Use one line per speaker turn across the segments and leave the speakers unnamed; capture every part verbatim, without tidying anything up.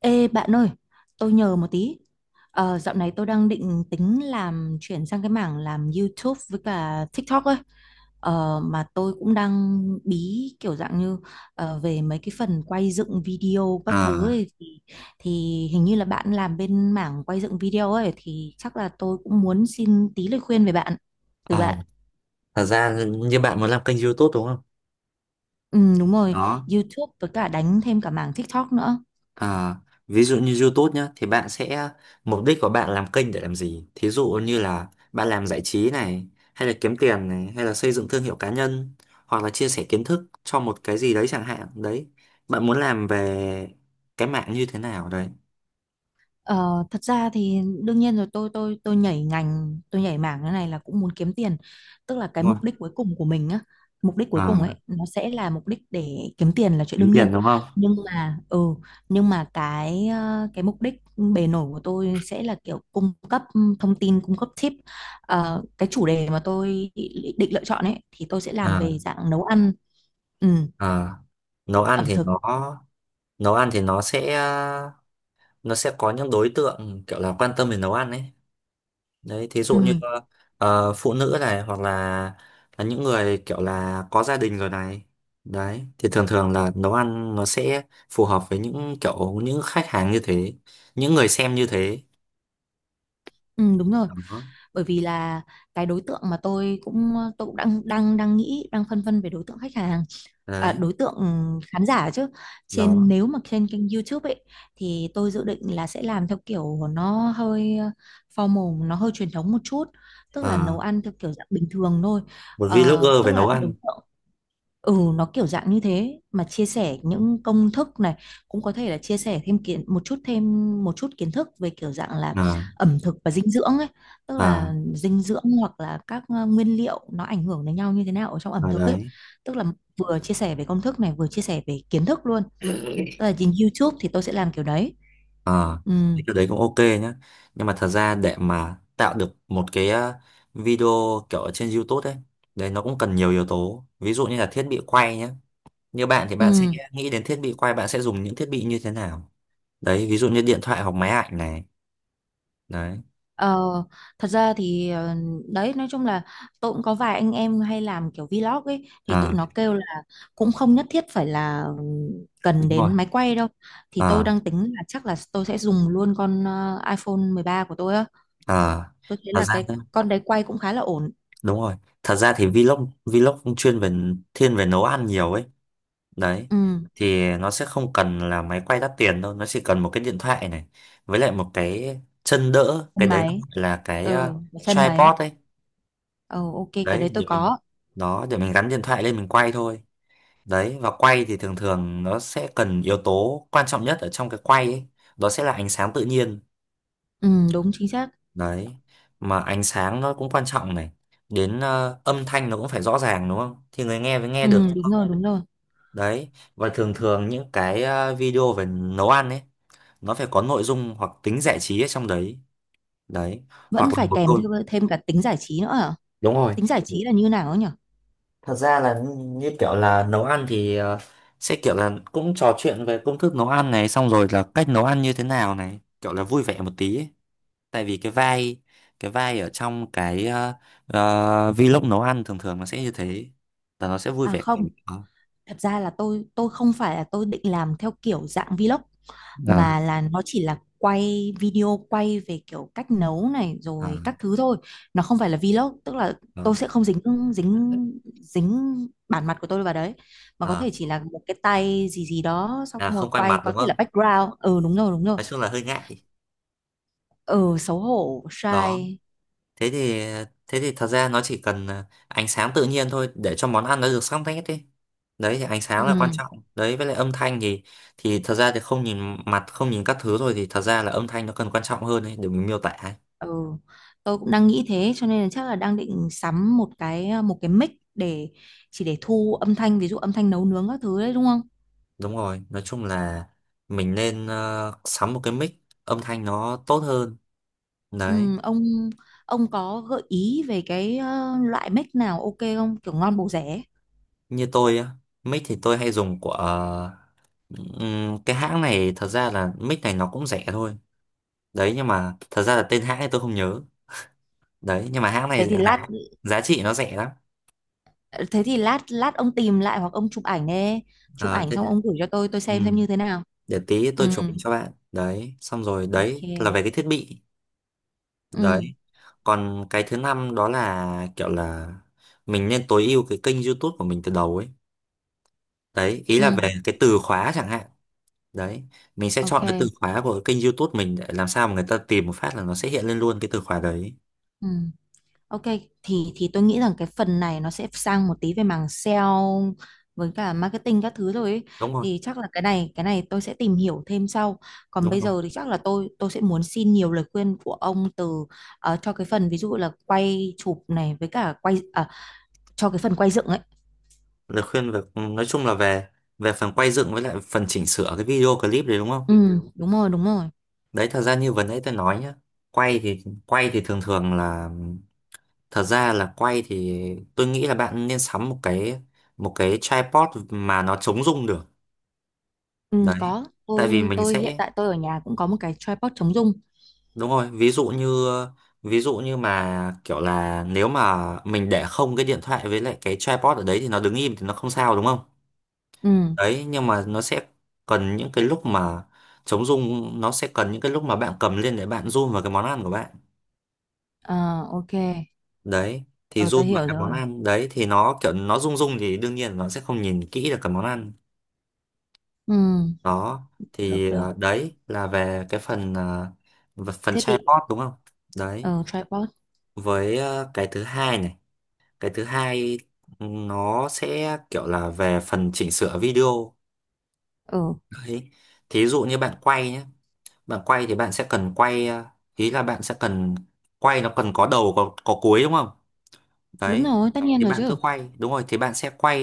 Ê bạn ơi, tôi nhờ một tí. Ờ, dạo này tôi đang định tính làm chuyển sang cái mảng làm YouTube với cả TikTok ấy. Ờ, mà tôi cũng đang bí kiểu dạng như ờ, về mấy cái phần quay dựng video các thứ
à,
ấy thì, thì hình như là bạn làm bên mảng quay dựng video ấy thì chắc là tôi cũng muốn xin tí lời khuyên về bạn từ
Ờ,
bạn.
Thật ra như bạn muốn làm kênh YouTube đúng không?
Ừ, đúng rồi,
Đó.
YouTube với cả đánh thêm cả mảng TikTok nữa.
À, ví dụ như YouTube nhá, thì bạn sẽ mục đích của bạn làm kênh để làm gì? Thí dụ như là bạn làm giải trí này, hay là kiếm tiền này, hay là xây dựng thương hiệu cá nhân, hoặc là chia sẻ kiến thức cho một cái gì đấy chẳng hạn. Đấy, bạn muốn làm về cái mạng như thế nào đấy,
Ờ, Thật ra thì đương nhiên rồi tôi tôi tôi nhảy ngành tôi nhảy mảng cái này là cũng muốn kiếm tiền, tức là cái
đúng
mục
không?
đích cuối cùng của mình á, mục đích cuối
À,
cùng ấy nó sẽ là mục đích để kiếm tiền là chuyện
kiếm
đương
tiền
nhiên.
đúng không?
Nhưng mà ừ nhưng mà cái ờ, cái mục đích bề nổi của tôi sẽ là kiểu cung cấp thông tin cung cấp tip. Ờ, cái chủ đề mà tôi định, định lựa chọn ấy thì tôi sẽ làm
À,
về dạng nấu ăn, ừ,
à, nấu ăn
ẩm
thì
thực.
nó nấu ăn thì nó sẽ nó sẽ có những đối tượng kiểu là quan tâm về nấu ăn ấy. Đấy, thí dụ như
Ừ,
ờ, phụ nữ này, hoặc là là những người kiểu là có gia đình rồi này. Đấy, thì thường thường là nấu ăn nó sẽ phù hợp với những kiểu những khách hàng như thế, những người xem như thế.
ừ, đúng rồi,
Đó.
bởi vì là cái đối tượng mà tôi cũng tôi cũng đang đang đang nghĩ đang phân vân về đối tượng khách hàng, à,
Đấy.
đối tượng khán giả chứ, trên
Đó.
nếu mà trên kênh YouTube ấy thì tôi dự định là sẽ làm theo kiểu nó hơi ờ, formal, nó hơi truyền thống một chút, tức là
Ờ,
nấu ăn theo kiểu dạng bình thường thôi.
Một
Ờ,
vlogger về
tức là
nấu
đối
ăn.
tượng. Ừ nó kiểu dạng như thế mà chia sẻ những công thức này, cũng có thể là chia sẻ thêm kiến một chút thêm một chút kiến thức về kiểu dạng là
À,
ẩm thực và dinh dưỡng ấy, tức
à,
là dinh dưỡng hoặc là các ờ, nguyên liệu nó ảnh hưởng đến nhau như thế nào ở trong ẩm
à.
thực ấy,
Đấy.
tức là vừa chia sẻ về công thức này vừa chia sẻ về kiến thức luôn, tức là trên YouTube thì tôi sẽ làm kiểu đấy,
Ờ,
ừ.
thì cái đấy cũng ok nhá, nhưng mà thật ra để mà tạo được một cái ờ, video kiểu ở trên YouTube ấy, đấy nó cũng cần nhiều yếu tố, ví dụ như là thiết bị quay nhé. Như bạn thì bạn sẽ
Ừ.
nghĩ đến thiết bị quay, bạn sẽ dùng những thiết bị như thế nào. Đấy, ví dụ như điện thoại hoặc máy ảnh này. Đấy.
Ờ, Thật ra thì ờ, đấy nói chung là tôi cũng có vài anh em hay làm kiểu vlog ấy thì tụi
À,
nó kêu là cũng không nhất thiết phải là ừm, cần
đúng rồi.
đến máy quay đâu, thì tôi đang
À.
tính là chắc là tôi sẽ dùng luôn con ờ, iPhone mười ba của tôi á,
À.
tôi thấy
Thật
là
ra
cái
đấy,
con đấy quay cũng khá là ổn.
đúng rồi, thật ra thì vlog vlog cũng chuyên về, thiên về nấu ăn nhiều ấy. Đấy,
Ừ,
thì nó sẽ không cần là máy quay đắt tiền đâu, nó chỉ cần một cái điện thoại này, với lại một cái chân đỡ, cái
sân
đấy nó
máy.
gọi là cái ờ,
Ừ sân máy.
tripod ấy.
Ừ, ok, cái
Đấy,
đấy
để
tôi
mình,
có.
đó để mình gắn điện thoại lên mình quay thôi. Đấy, và quay thì thường thường nó sẽ cần yếu tố quan trọng nhất ở trong cái quay ấy. Đó sẽ là ánh sáng tự nhiên.
Ừ, đúng chính xác.
Đấy, mà ánh sáng nó cũng quan trọng này. Đến ờ, âm thanh nó cũng phải rõ ràng đúng không? Thì người nghe mới nghe
Ừ,
được, đúng
đúng
không?
rồi đúng rồi.
Đấy, và thường thường những cái ờ, video về nấu ăn ấy, nó phải có nội dung hoặc tính giải trí ở trong đấy. Đấy, hoặc
Vẫn
là
phải
một
kèm
câu.
thêm thêm cả tính giải trí nữa hả?
Đúng rồi.
Tính giải trí là như nào ấy nhỉ?
Thật ra là như kiểu là nấu ăn thì ờ, sẽ kiểu là cũng trò chuyện về công thức nấu ăn này, xong rồi là cách nấu ăn như thế nào này, kiểu là vui vẻ một tí ấy. Tại vì cái vai cái vai ở trong cái ờ, ờ, vlog nấu ăn thường thường nó sẽ như thế, là nó sẽ vui
À
vẻ.
không.
à,
Thật ra là tôi tôi không phải là tôi định làm theo kiểu dạng vlog
à,
mà là nó chỉ là quay video quay về kiểu cách nấu này
à,
rồi các thứ thôi. Nó không phải là vlog, tức là tôi sẽ không dính dính dính bản mặt của tôi vào đấy mà có
à,
thể chỉ là một cái tay gì gì đó xong
à,
rồi
Không quay
quay
mặt
có
đúng
thể là
không?
background. Ừ đúng rồi đúng rồi.
Nói chung là hơi ngại.
Ừ xấu hổ,
Đó.
shy.
thế thì Thế thì thật ra nó chỉ cần à, ánh sáng tự nhiên thôi để cho món ăn nó được sắc nét đi. Đấy, thì ánh
Ừ.
sáng là quan trọng đấy, với lại âm thanh thì thì thật ra thì không nhìn mặt không nhìn các thứ rồi thì thật ra là âm thanh nó cần quan trọng hơn đấy để mình miêu tả ấy.
Ừ, tôi cũng đang nghĩ thế cho nên là chắc là đang định sắm một cái ờ, một cái mic để chỉ để thu âm thanh, ví dụ âm thanh nấu nướng các thứ đấy đúng không?
Đúng rồi, nói chung là mình nên ờ, sắm một cái mic, âm thanh nó tốt hơn. Đấy,
Ừ, ông ông có gợi ý về cái ờ, loại mic nào ok không? Kiểu ngon bổ rẻ ấy.
như tôi á, mic thì tôi hay dùng của ờ, ừm, cái hãng này, thật ra là mic này nó cũng rẻ thôi. Đấy, nhưng mà thật ra là tên hãng thì tôi không nhớ. Đấy, nhưng mà hãng
Thế
này
thì
giá
lát
giá trị nó rẻ lắm.
Thế thì lát lát ông tìm lại hoặc ông chụp ảnh đi. Chụp
ờ
ảnh
Thế
xong
để,
ông gửi cho tôi tôi
ừ.
xem xem như thế nào.
để tí
Ừ,
tôi chụp cho bạn, đấy xong rồi
ok.
đấy là về cái thiết bị.
Ừ,
Đấy, còn cái thứ năm đó là kiểu là mình nên tối ưu cái kênh YouTube của mình từ đầu ấy. Đấy, ý là
ừ,
về cái từ khóa chẳng hạn. Đấy, mình sẽ chọn cái từ
ok.
khóa của cái kênh YouTube mình để làm sao mà người ta tìm một phát là nó sẽ hiện lên luôn cái từ khóa đấy.
Ừ. Ok, thì thì tôi nghĩ rằng cái phần này nó sẽ sang một tí về mảng sale với cả marketing các thứ rồi ấy.
Đúng rồi,
Thì chắc là cái này cái này tôi sẽ tìm hiểu thêm sau. Còn
đúng
bây
rồi.
giờ thì chắc là tôi tôi sẽ muốn xin nhiều lời khuyên của ông từ ờ, cho cái phần ví dụ là quay chụp này với cả quay à, cho cái phần quay dựng ấy.
Lời khuyên về, nói chung là về về phần quay dựng với lại phần chỉnh sửa cái video clip đấy, đúng không?
Ừ, ừ, đúng rồi, đúng rồi.
Đấy, thật ra như vừa nãy tôi nói nhá, quay thì quay thì thường thường là, thật ra là quay thì tôi nghĩ là bạn nên sắm một cái, một cái tripod mà nó chống rung được.
Ừ,
Đấy,
có.
tại vì
Tôi
mình
tôi hiện
sẽ,
tại tôi ở nhà cũng có một cái tripod chống rung.
đúng rồi, ví dụ như, ví dụ như mà kiểu là nếu mà mình để không cái điện thoại với lại cái tripod ở đấy thì nó đứng im thì nó không sao đúng không?
Ừ,
Đấy, nhưng mà nó sẽ cần những cái lúc mà, chống rung nó sẽ cần những cái lúc mà bạn cầm lên để bạn zoom vào cái món ăn của bạn.
ờ, ok.
Đấy, thì
Ờ, tôi
zoom vào
hiểu
cái món
rồi.
ăn đấy thì nó kiểu nó rung rung thì đương nhiên nó sẽ không nhìn kỹ được cái món ăn.
Ừ,
Đó,
được
thì
được.
ờ, đấy là về cái phần ờ, v- phần
Thiết bị
chatbot đúng không? Đấy,
ờ tripod.
với ờ, cái thứ hai này, cái thứ hai, ừ, nó sẽ kiểu là về phần chỉnh sửa video.
Ừ,
Đấy, thí dụ như bạn quay nhé, bạn quay thì bạn sẽ cần quay ờ, ý là bạn sẽ cần quay, nó cần có đầu có có cuối đúng không?
đúng
Đấy,
rồi, tất nhiên
thì
rồi
bạn cứ
chứ.
quay đúng rồi thì bạn sẽ quay,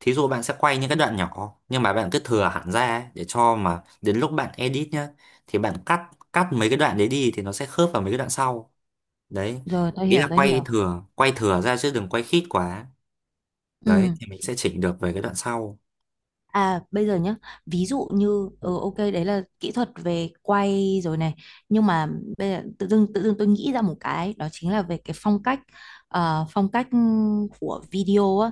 thí dụ bạn sẽ quay những cái đoạn nhỏ nhưng mà bạn cứ thừa hẳn ra ấy, để cho mà đến lúc bạn edit nhá thì bạn cắt cắt mấy cái đoạn đấy đi thì nó sẽ khớp vào mấy cái đoạn sau. Đấy,
Rồi, tôi
ý
hiểu,
là
tôi
quay
hiểu.
thừa quay thừa ra chứ đừng quay khít quá. Đấy,
Ừ.
thì mình sẽ chỉnh được về cái đoạn sau.
À, bây giờ nhá, ví dụ như,
Ừ.
ừ, ok, đấy là kỹ thuật về quay rồi này. Nhưng mà bây giờ tự dưng, tự dưng tôi nghĩ ra một cái, đó chính là về cái phong cách, ờ, phong cách ừ, của video á.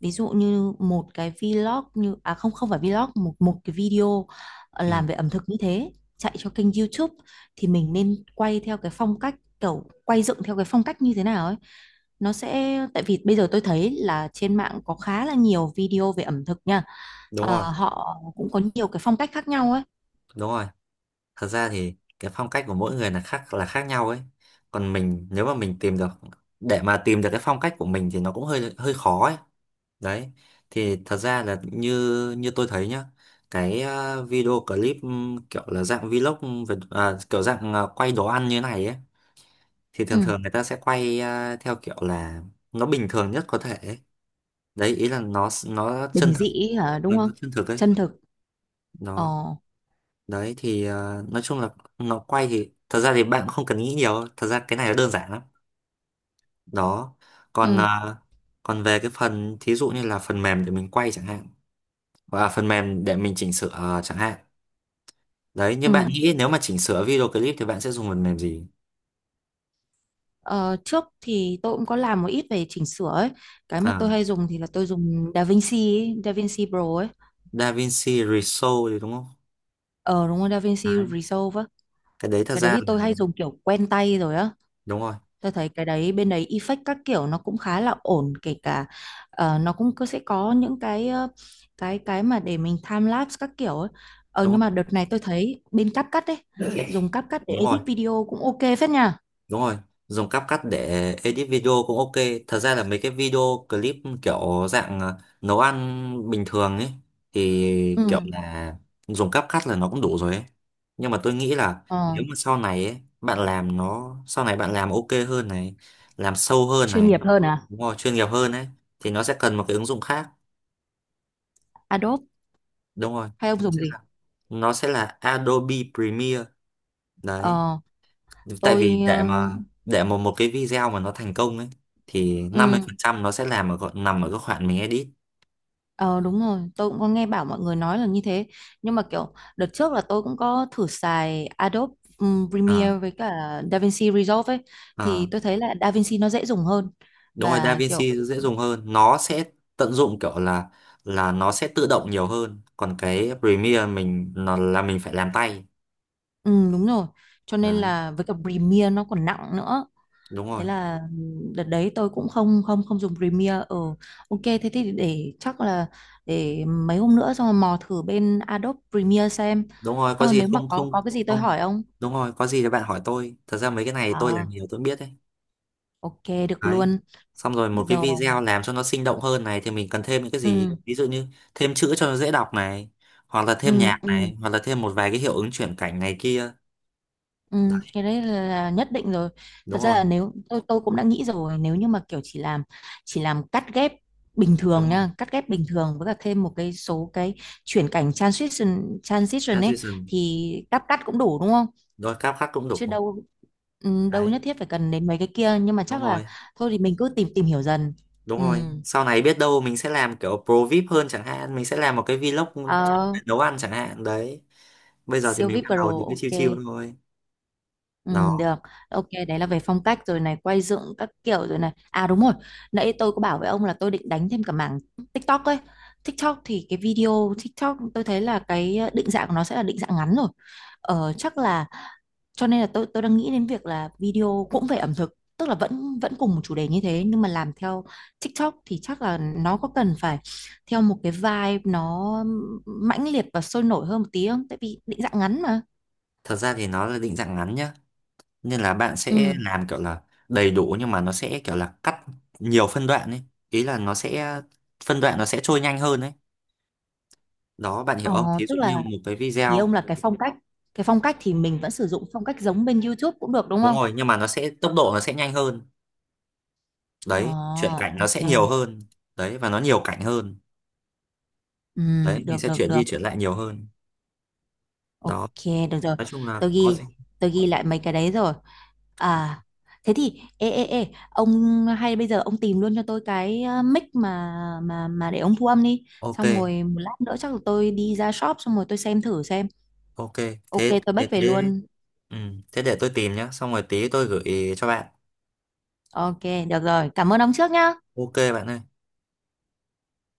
Ví dụ như một cái vlog như à không, không phải vlog, một một cái video ờ,
Ừ,
làm về ẩm thực như thế chạy cho kênh YouTube thì mình nên quay theo cái phong cách, kiểu quay dựng theo cái phong cách như thế nào ấy, nó sẽ tại vì bây giờ tôi thấy là trên mạng có khá là nhiều video về ẩm thực nha.
đúng
Ờ,
rồi
họ cũng có nhiều cái phong cách khác nhau ấy.
đúng rồi. Thật ra thì cái phong cách của mỗi người là khác là khác nhau ấy. Còn mình, nếu mà mình tìm được, để mà tìm được cái phong cách của mình thì nó cũng hơi hơi khó ấy. Đấy, thì thật ra là như như tôi thấy nhá, cái ờ, video clip, ừm, kiểu là dạng vlog về, à, kiểu dạng ờ, quay đồ ăn như này ấy, thì thường
Ừ.
thường người ta sẽ quay ờ, theo kiểu là nó bình thường nhất có thể ấy. Đấy, ý là nó nó chân
Bình
thực,
dị hả,
nó
đúng
nó
không?
chân thực ấy.
Chân thực.
Nó
Ờ.
Đấy thì ờ, nói chung là nó quay thì thật ra thì bạn không cần nghĩ nhiều, thật ra cái này nó đơn giản lắm. Đó. Còn
Ừ.
ờ, Còn về cái phần thí dụ như là phần mềm để mình quay chẳng hạn, và phần mềm để mình chỉnh sửa ờ, chẳng hạn. Đấy, như bạn
Ừ.
nghĩ nếu mà chỉnh sửa video clip thì bạn sẽ dùng phần mềm gì?
Ờ, trước thì tôi cũng có làm một ít về chỉnh sửa ấy. Cái mà
À,
tôi hay dùng thì là tôi dùng DaVinci ấy, DaVinci Pro ấy.
DaVinci Resolve thì đúng không?
Ờ đúng rồi, DaVinci
Đấy,
Resolve á.
cái đấy thật
Cái đấy
ra
thì tôi
là,
hay dùng kiểu quen tay rồi á.
đúng rồi,
Tôi thấy cái đấy bên đấy effect các kiểu nó cũng khá là ổn, kể cả ờ, nó cũng cứ sẽ có những cái ờ, cái cái mà để mình time lapse các kiểu ấy. Ờ
đúng rồi,
nhưng mà đợt này tôi thấy bên CapCut ấy, dùng CapCut để
đúng rồi.
edit video cũng ok phết nha.
Đúng rồi, dùng CapCut để edit video cũng ok. Thật ra là mấy cái video clip kiểu dạng ờ, nấu ăn bình thường ấy thì kiểu
Ừ.
là dùng CapCut là nó cũng đủ rồi ấy. Nhưng mà tôi nghĩ là
Ờ,
nếu mà sau này ấy, bạn làm nó sau này bạn làm ok hơn này, làm sâu hơn
chuyên
này,
nghiệp hơn à?
đúng rồi, chuyên nghiệp hơn ấy, thì nó sẽ cần một cái ứng dụng khác.
Adobe
Đúng rồi.
hay ông
Nó
dùng
sẽ
gì?
là, nó sẽ là Adobe Premiere đấy.
Ờ
Tại
tôi
vì để
ờ,
mà để mà một cái video mà nó thành công ấy thì
ừ,
năm mươi phần trăm nó sẽ làm ở gọi- nằm ở cái khoản mình edit.
ờ, Đúng rồi, tôi cũng có nghe bảo mọi người nói là như thế, nhưng mà kiểu đợt trước là tôi cũng có thử xài Adobe ừm,
à,
Premiere với cả DaVinci Resolve ấy thì
à.
tôi thấy là DaVinci nó dễ dùng hơn
Đúng rồi,
và kiểu,
DaVinci dễ dùng hơn, nó sẽ tận dụng kiểu là là nó sẽ tự động nhiều hơn, còn cái Premiere mình nó là mình phải làm tay.
ừ, đúng rồi, cho nên
Đấy,
là với cả Premiere nó còn nặng nữa.
đúng
Thế
rồi,
là ừm, đợt đấy tôi cũng không không không dùng Premiere, ừ, ok thế thì để chắc là để mấy hôm nữa xong rồi mò thử bên Adobe Premiere xem.
đúng rồi, có
Thôi
gì
nếu mà
không,
có
không,
có cái gì tôi
không,
hỏi ông.
đúng rồi. Có gì thì bạn hỏi tôi, thật ra mấy cái này tôi làm
À.
nhiều tôi biết đấy.
Ok, được
Đấy.
luôn
Xong rồi một cái
rồi,
video làm cho nó sinh động hơn này thì mình cần thêm những cái gì?
ừ,
Ví dụ như thêm chữ cho nó dễ đọc này, hoặc là thêm
ừ,
nhạc
ừ,
này, hoặc là thêm một vài cái hiệu ứng chuyển cảnh này kia.
ừ.
Đấy,
Cái đấy là nhất định rồi, thật
đúng
ra
rồi,
là nếu tôi tôi cũng đã nghĩ rồi nếu như mà kiểu chỉ làm chỉ làm cắt ghép bình
đúng
thường
rồi.
nha, cắt ghép bình thường với cả thêm một cái số cái chuyển cảnh transition transition ấy
Transition,
thì cắt cắt cũng đủ đúng không,
rồi cáp khắc cũng
chứ
đủ.
đâu, ừ, đâu
Đấy,
nhất thiết phải cần đến mấy cái kia, nhưng mà
đúng
chắc là
rồi,
thôi thì mình cứ tìm tìm hiểu dần,
đúng
ừ.
rồi. Sau này biết đâu mình sẽ làm kiểu pro VIP hơn chẳng hạn, mình sẽ làm một cái vlog
Ờ,
nấu ăn chẳng hạn. Đấy, bây giờ thì
siêu
mình
vi ai pi
bắt
Pro,
đầu thì cứ chill
ok.
chill thôi.
Ừ,
nó
được. Ok, đấy là về phong cách rồi này, quay dựng các kiểu rồi này. À đúng rồi, nãy tôi có bảo với ông là tôi định đánh thêm cả mảng TikTok ấy. TikTok thì cái video TikTok tôi thấy là cái ờ, định dạng của nó sẽ là định dạng ngắn rồi. Ờ, chắc là cho nên là tôi tôi đang nghĩ đến việc là video cũng về ẩm thực, tức là vẫn vẫn cùng một chủ đề như thế nhưng mà làm theo TikTok thì chắc là nó có cần phải theo một cái vibe nó mãnh liệt và sôi nổi hơn một tí không? Tại vì định dạng ngắn mà.
Thật ra thì nó là định dạng ngắn nhá, nên là bạn sẽ
Ừ.
làm kiểu là đầy đủ nhưng mà nó sẽ kiểu là cắt nhiều phân đoạn ấy, ý là nó sẽ phân đoạn, nó sẽ trôi nhanh hơn ấy. Đó, bạn hiểu
Ờ,
không, thí
tức
dụ
là
như một cái
ý
video.
ông là cái phong cách, cái phong cách thì mình vẫn sử dụng phong cách giống bên YouTube cũng được đúng
Đúng
không?
rồi, nhưng mà nó sẽ tốc độ nó sẽ nhanh hơn.
Ờ
Đấy, chuyển cảnh nó
ok.
sẽ nhiều hơn. Đấy, và nó nhiều cảnh hơn.
Ừ,
Đấy, mình
được
sẽ
được
chuyển
được.
đi chuyển lại nhiều hơn. Đó,
Ok được rồi.
nói chung là
Tôi
có gì.
ghi tôi ghi lại mấy cái đấy rồi. À thế thì ê ê ê ông hay bây giờ ông tìm luôn cho tôi cái ờ, mic mà mà mà để ông thu âm đi.
Ok
Xong rồi một lát nữa chắc là tôi đi ra shop xong rồi tôi xem thử xem.
ok,
Ok
thế
tôi
thế
back về
thế.
luôn.
ừ. Thế để tôi tìm nhá, xong rồi tí tôi gửi cho bạn.
Ok được rồi. Cảm ơn ông trước nhá.
Ok bạn ơi.